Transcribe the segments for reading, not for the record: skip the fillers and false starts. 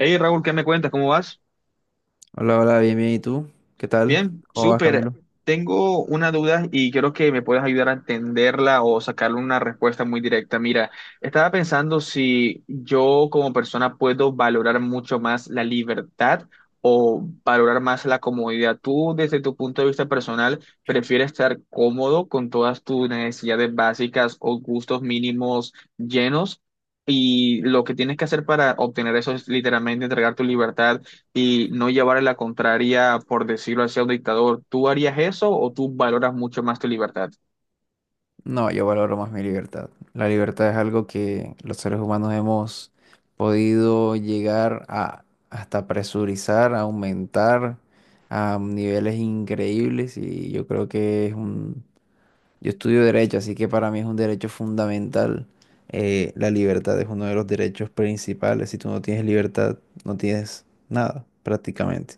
Hey Raúl, ¿qué me cuentas? ¿Cómo vas? Hola, hola, bien, bien. ¿Y tú? ¿Qué tal? Bien, ¿Cómo vas, súper. Camilo? Tengo una duda y quiero que me puedas ayudar a entenderla o sacarle una respuesta muy directa. Mira, estaba pensando si yo como persona puedo valorar mucho más la libertad o valorar más la comodidad. ¿Tú desde tu punto de vista personal prefieres estar cómodo con todas tus necesidades básicas o gustos mínimos llenos? Y lo que tienes que hacer para obtener eso es literalmente entregar tu libertad y no llevarle la contraria, por decirlo así, a un dictador. ¿Tú harías eso o tú valoras mucho más tu libertad? No, yo valoro más mi libertad. La libertad es algo que los seres humanos hemos podido llegar a hasta presurizar, a aumentar a niveles increíbles y yo creo que es un... Yo estudio derecho, así que para mí es un derecho fundamental. La libertad es uno de los derechos principales. Si tú no tienes libertad, no tienes nada, prácticamente.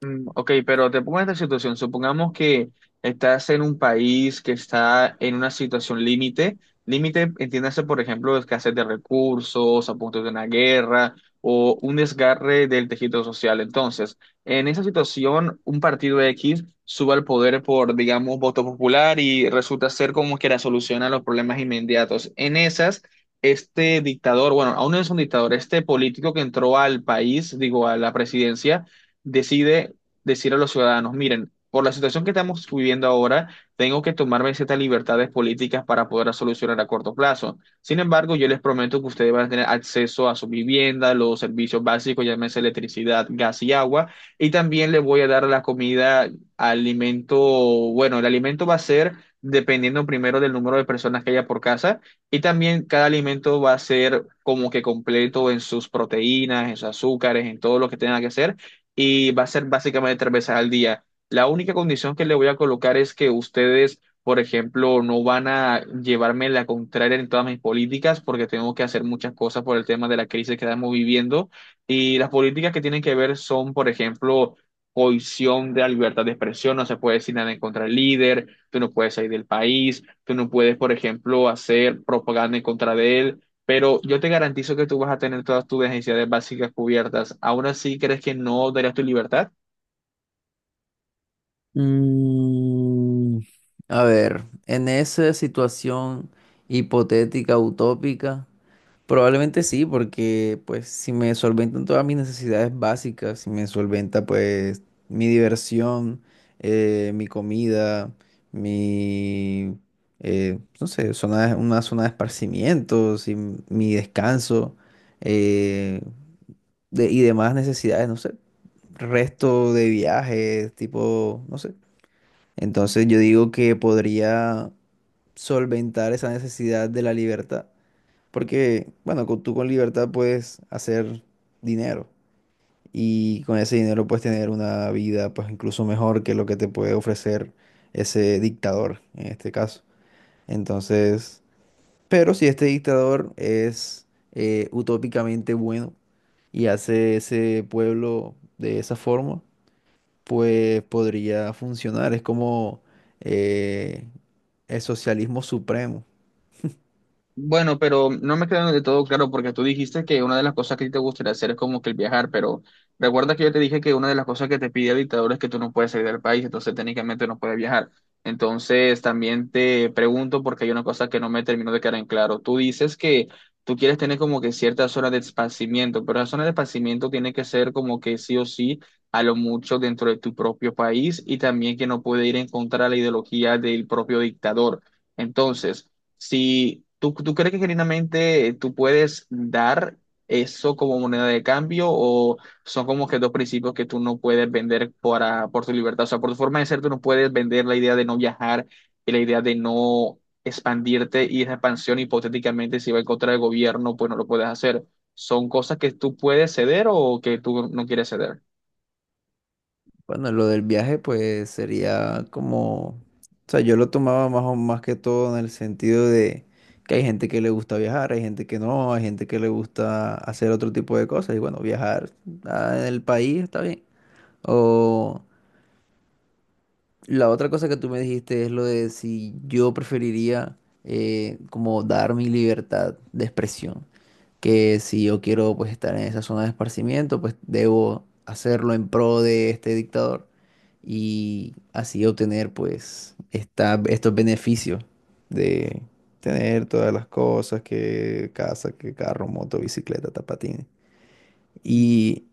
Mm, ok, pero te pongo en esta situación. Supongamos que estás en un país que está en una situación límite. Límite, entiéndase, por ejemplo, escasez de recursos, a punto de una guerra o un desgarre del tejido social. Entonces, en esa situación, un partido X sube al poder por, digamos, voto popular y resulta ser como que la solución a los problemas inmediatos. En esas, este dictador, bueno, aún no es un dictador, este político que entró al país, digo, a la presidencia, decide decir a los ciudadanos, miren, por la situación que estamos viviendo ahora, tengo que tomarme ciertas libertades políticas para poder solucionar a corto plazo. Sin embargo, yo les prometo que ustedes van a tener acceso a su vivienda, los servicios básicos, llámese electricidad, gas y agua, y también les voy a dar la comida, alimento, bueno, el alimento va a ser dependiendo primero del número de personas que haya por casa, y también cada alimento va a ser como que completo en sus proteínas, en sus azúcares, en todo lo que tenga que ser y va a ser básicamente tres veces al día. La única condición que le voy a colocar es que ustedes, por ejemplo, no van a llevarme la contraria en todas mis políticas porque tengo que hacer muchas cosas por el tema de la crisis que estamos viviendo. Y las políticas que tienen que ver son, por ejemplo, cohesión de la libertad de expresión, no se puede decir nada en contra del líder, tú no puedes salir del país, tú no puedes, por ejemplo, hacer propaganda en contra de él. Pero yo te garantizo que tú vas a tener todas tus necesidades básicas cubiertas. ¿Aún así crees que no darías tu libertad? Mm, a ver, en esa situación hipotética, utópica, probablemente sí, porque pues si me solventan todas mis necesidades básicas, si me solventa pues mi diversión, mi comida, mi, no sé, una zona de esparcimiento, si mi descanso eh, y demás necesidades, no sé, resto de viajes, tipo, no sé. Entonces yo digo que podría solventar esa necesidad de la libertad, porque, bueno, tú con libertad puedes hacer dinero y con ese dinero puedes tener una vida pues incluso mejor que lo que te puede ofrecer ese dictador en este caso. Entonces, pero si este dictador es utópicamente bueno y hace ese pueblo de esa forma, pues podría funcionar. Es como eh, el socialismo supremo. Bueno, pero no me quedó de todo claro porque tú dijiste que una de las cosas que a ti te gustaría hacer es como que el viajar, pero recuerda que yo te dije que una de las cosas que te pide el dictador es que tú no puedes salir del país, entonces técnicamente no puedes viajar. Entonces también te pregunto porque hay una cosa que no me terminó de quedar en claro. Tú dices que tú quieres tener como que ciertas horas de esparcimiento, pero la zona de esparcimiento tiene que ser como que sí o sí a lo mucho dentro de tu propio país y también que no puede ir en contra de la ideología del propio dictador. Entonces, si tú crees que genuinamente tú puedes dar eso como moneda de cambio o son como que dos principios que tú no puedes vender para, por tu libertad, o sea, por tu forma de ser, tú no puedes vender la idea de no viajar y la idea de no expandirte y esa expansión hipotéticamente si va en contra del gobierno, pues no lo puedes hacer. ¿Son cosas que tú puedes ceder o que tú no quieres ceder? Bueno, lo del viaje, pues sería como, o sea, yo lo tomaba más o más que todo en el sentido de que hay gente que le gusta viajar, hay gente que no, hay gente que le gusta hacer otro tipo de cosas. Y bueno, viajar ah, en el país está bien. O la otra cosa que tú me dijiste es lo de si yo preferiría como dar mi libertad de expresión. Que si yo quiero pues estar en esa zona de esparcimiento, pues debo hacerlo en pro de este dictador y así obtener pues estos beneficios de tener todas las cosas, que casa, que carro, moto, bicicleta, tapatín. Y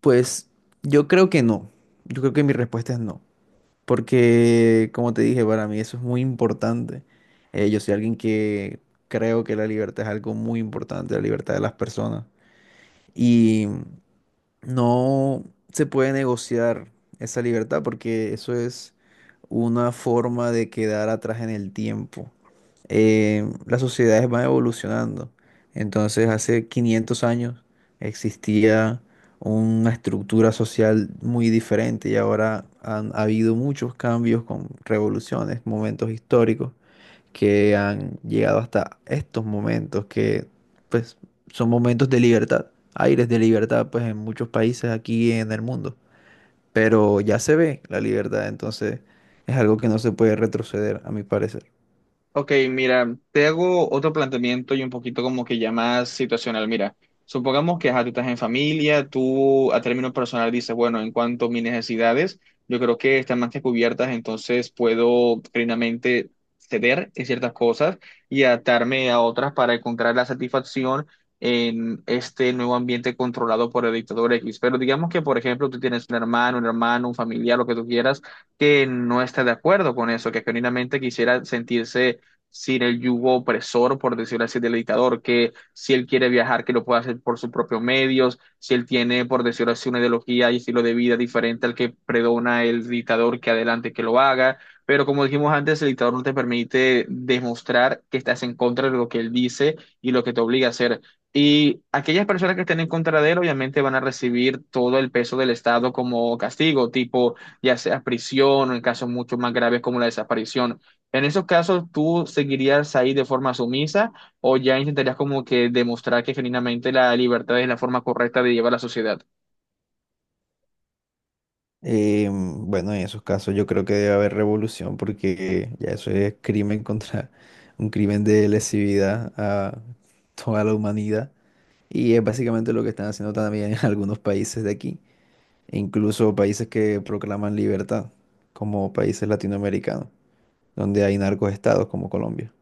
pues yo creo que no, yo creo que mi respuesta es no, porque como te dije, para mí eso es muy importante. Yo soy alguien que creo que la libertad es algo muy importante, la libertad de las personas. Y no se puede negociar esa libertad porque eso es una forma de quedar atrás en el tiempo. Las sociedades van evolucionando. Entonces, hace 500 años existía una estructura social muy diferente y ahora han habido muchos cambios con revoluciones, momentos históricos que han llegado hasta estos momentos, que pues son momentos de libertad, aires de libertad pues en muchos países aquí en el mundo, pero ya se ve la libertad, entonces es algo que no se puede retroceder a mi parecer. Ok, mira, te hago otro planteamiento y un poquito como que ya más situacional. Mira, supongamos que ajá, tú estás en familia, tú a término personal dices, bueno, en cuanto a mis necesidades, yo creo que están más que cubiertas, entonces puedo plenamente ceder en ciertas cosas y adaptarme a otras para encontrar la satisfacción en este nuevo ambiente controlado por el dictador X. Pero digamos que, por ejemplo, tú tienes un hermano, un familiar, lo que tú quieras, que no está de acuerdo con eso, que genuinamente quisiera sentirse sin el yugo opresor, por decirlo así, del dictador, que si él quiere viajar, que lo pueda hacer por sus propios medios, si él tiene, por decirlo así, una ideología y estilo de vida diferente al que predona el dictador, que adelante que lo haga. Pero como dijimos antes, el dictador no te permite demostrar que estás en contra de lo que él dice y lo que te obliga a hacer. Y aquellas personas que estén en contra de él, obviamente van a recibir todo el peso del Estado como castigo, tipo ya sea prisión o en casos mucho más graves como la desaparición. En esos casos, ¿tú seguirías ahí de forma sumisa o ya intentarías como que demostrar que genuinamente la libertad es la forma correcta de llevar la sociedad? Bueno, en esos casos yo creo que debe haber revolución porque ya eso es crimen contra un crimen de lesividad a toda la humanidad y es básicamente lo que están haciendo también en algunos países de aquí. E incluso países que proclaman libertad, como países latinoamericanos, donde hay narcoestados como Colombia.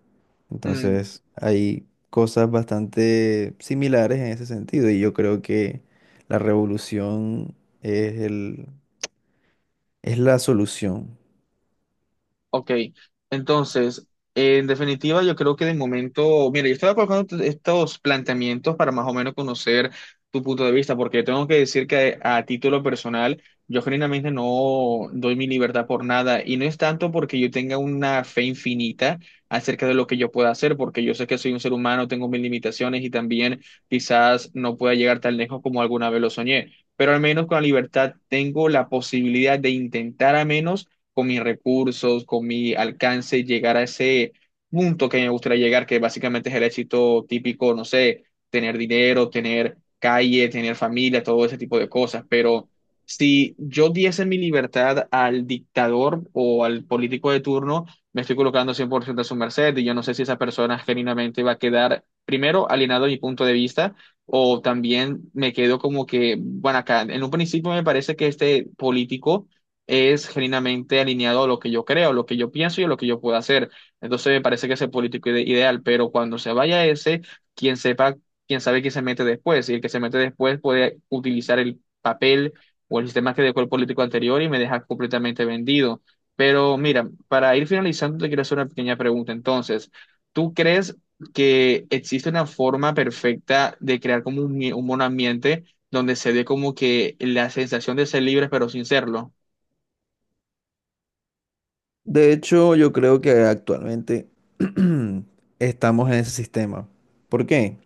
Entonces, hay cosas bastante similares en ese sentido y yo creo que la revolución es es la solución. Ok, entonces, en definitiva, yo creo que de momento, mira, yo estaba colocando estos planteamientos para más o menos conocer tu punto de vista, porque tengo que decir que a título personal, yo genuinamente no doy mi libertad por nada, y no es tanto porque yo tenga una fe infinita acerca de lo que yo pueda hacer, porque yo sé que soy un ser humano, tengo mis limitaciones y también quizás no pueda llegar tan lejos como alguna vez lo soñé, pero al menos con la libertad tengo la posibilidad de intentar a menos con mis recursos, con mi alcance, llegar a ese punto que me gustaría llegar, que básicamente es el éxito típico, no sé, tener dinero, tener calle, tener familia, todo ese tipo de cosas. Pero si yo diese mi libertad al dictador o al político de turno, me estoy colocando 100% a su merced y yo no sé si esa persona genuinamente va a quedar, primero, alienado a mi punto de vista. O también me quedo como que, bueno, acá en un principio me parece que este político es genuinamente alineado a lo que yo creo, lo que yo pienso y a lo que yo puedo hacer. Entonces me parece que ese político ideal, pero cuando se vaya ese, quien sepa, quien sabe que se mete después, y el que se mete después puede utilizar el papel o el sistema que dejó el político anterior y me deja completamente vendido. Pero mira, para ir finalizando, te quiero hacer una pequeña pregunta. Entonces, ¿tú crees que existe una forma perfecta de crear como un buen ambiente donde se dé como que la sensación de ser libres pero sin serlo? De hecho, yo creo que actualmente estamos en ese sistema. ¿Por qué?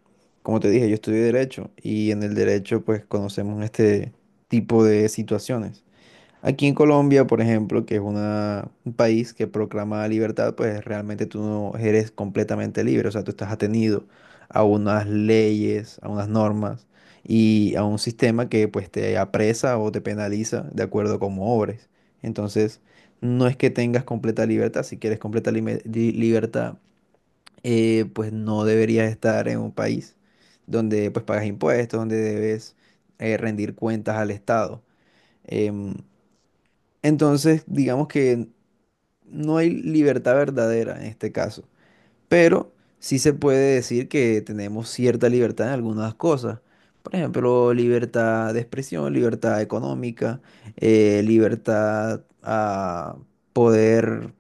Como te dije, yo estudié derecho y en el derecho pues conocemos este tipo de situaciones. Aquí en Colombia, por ejemplo, que es un país que proclama la libertad, pues realmente tú no eres completamente libre, o sea, tú estás atenido a unas leyes, a unas normas y a un sistema que pues te apresa o te penaliza de acuerdo a cómo obres. Entonces, no es que tengas completa libertad, si quieres completa libertad, pues no deberías estar en un país donde pues pagas impuestos, donde debes rendir cuentas al Estado. Em, entonces, digamos que no hay libertad verdadera en este caso, pero sí se puede decir que tenemos cierta libertad en algunas cosas. Por ejemplo, libertad de expresión, libertad económica, libertad a poder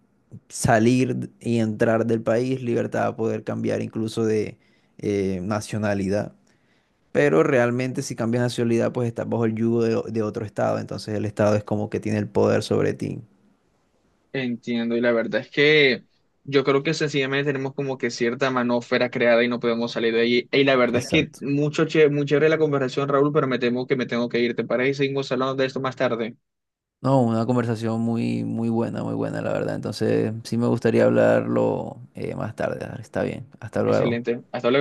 salir y entrar del país, libertad a poder cambiar incluso de nacionalidad. Pero realmente si cambias nacionalidad, pues estás bajo el yugo de otro estado, entonces el estado es como que tiene el poder sobre ti. Entiendo, y la verdad es que yo creo que sencillamente tenemos como que cierta manósfera creada y no podemos salir de ahí. Y la verdad es que Exacto. mucho che, muy chévere la conversación, Raúl, pero me temo que me tengo que ir. ¿Te parece? Y seguimos hablando de esto más tarde. No, una conversación muy, muy buena, la verdad. Entonces, sí me gustaría hablarlo más tarde. Está bien. Hasta luego. Excelente. Hasta luego.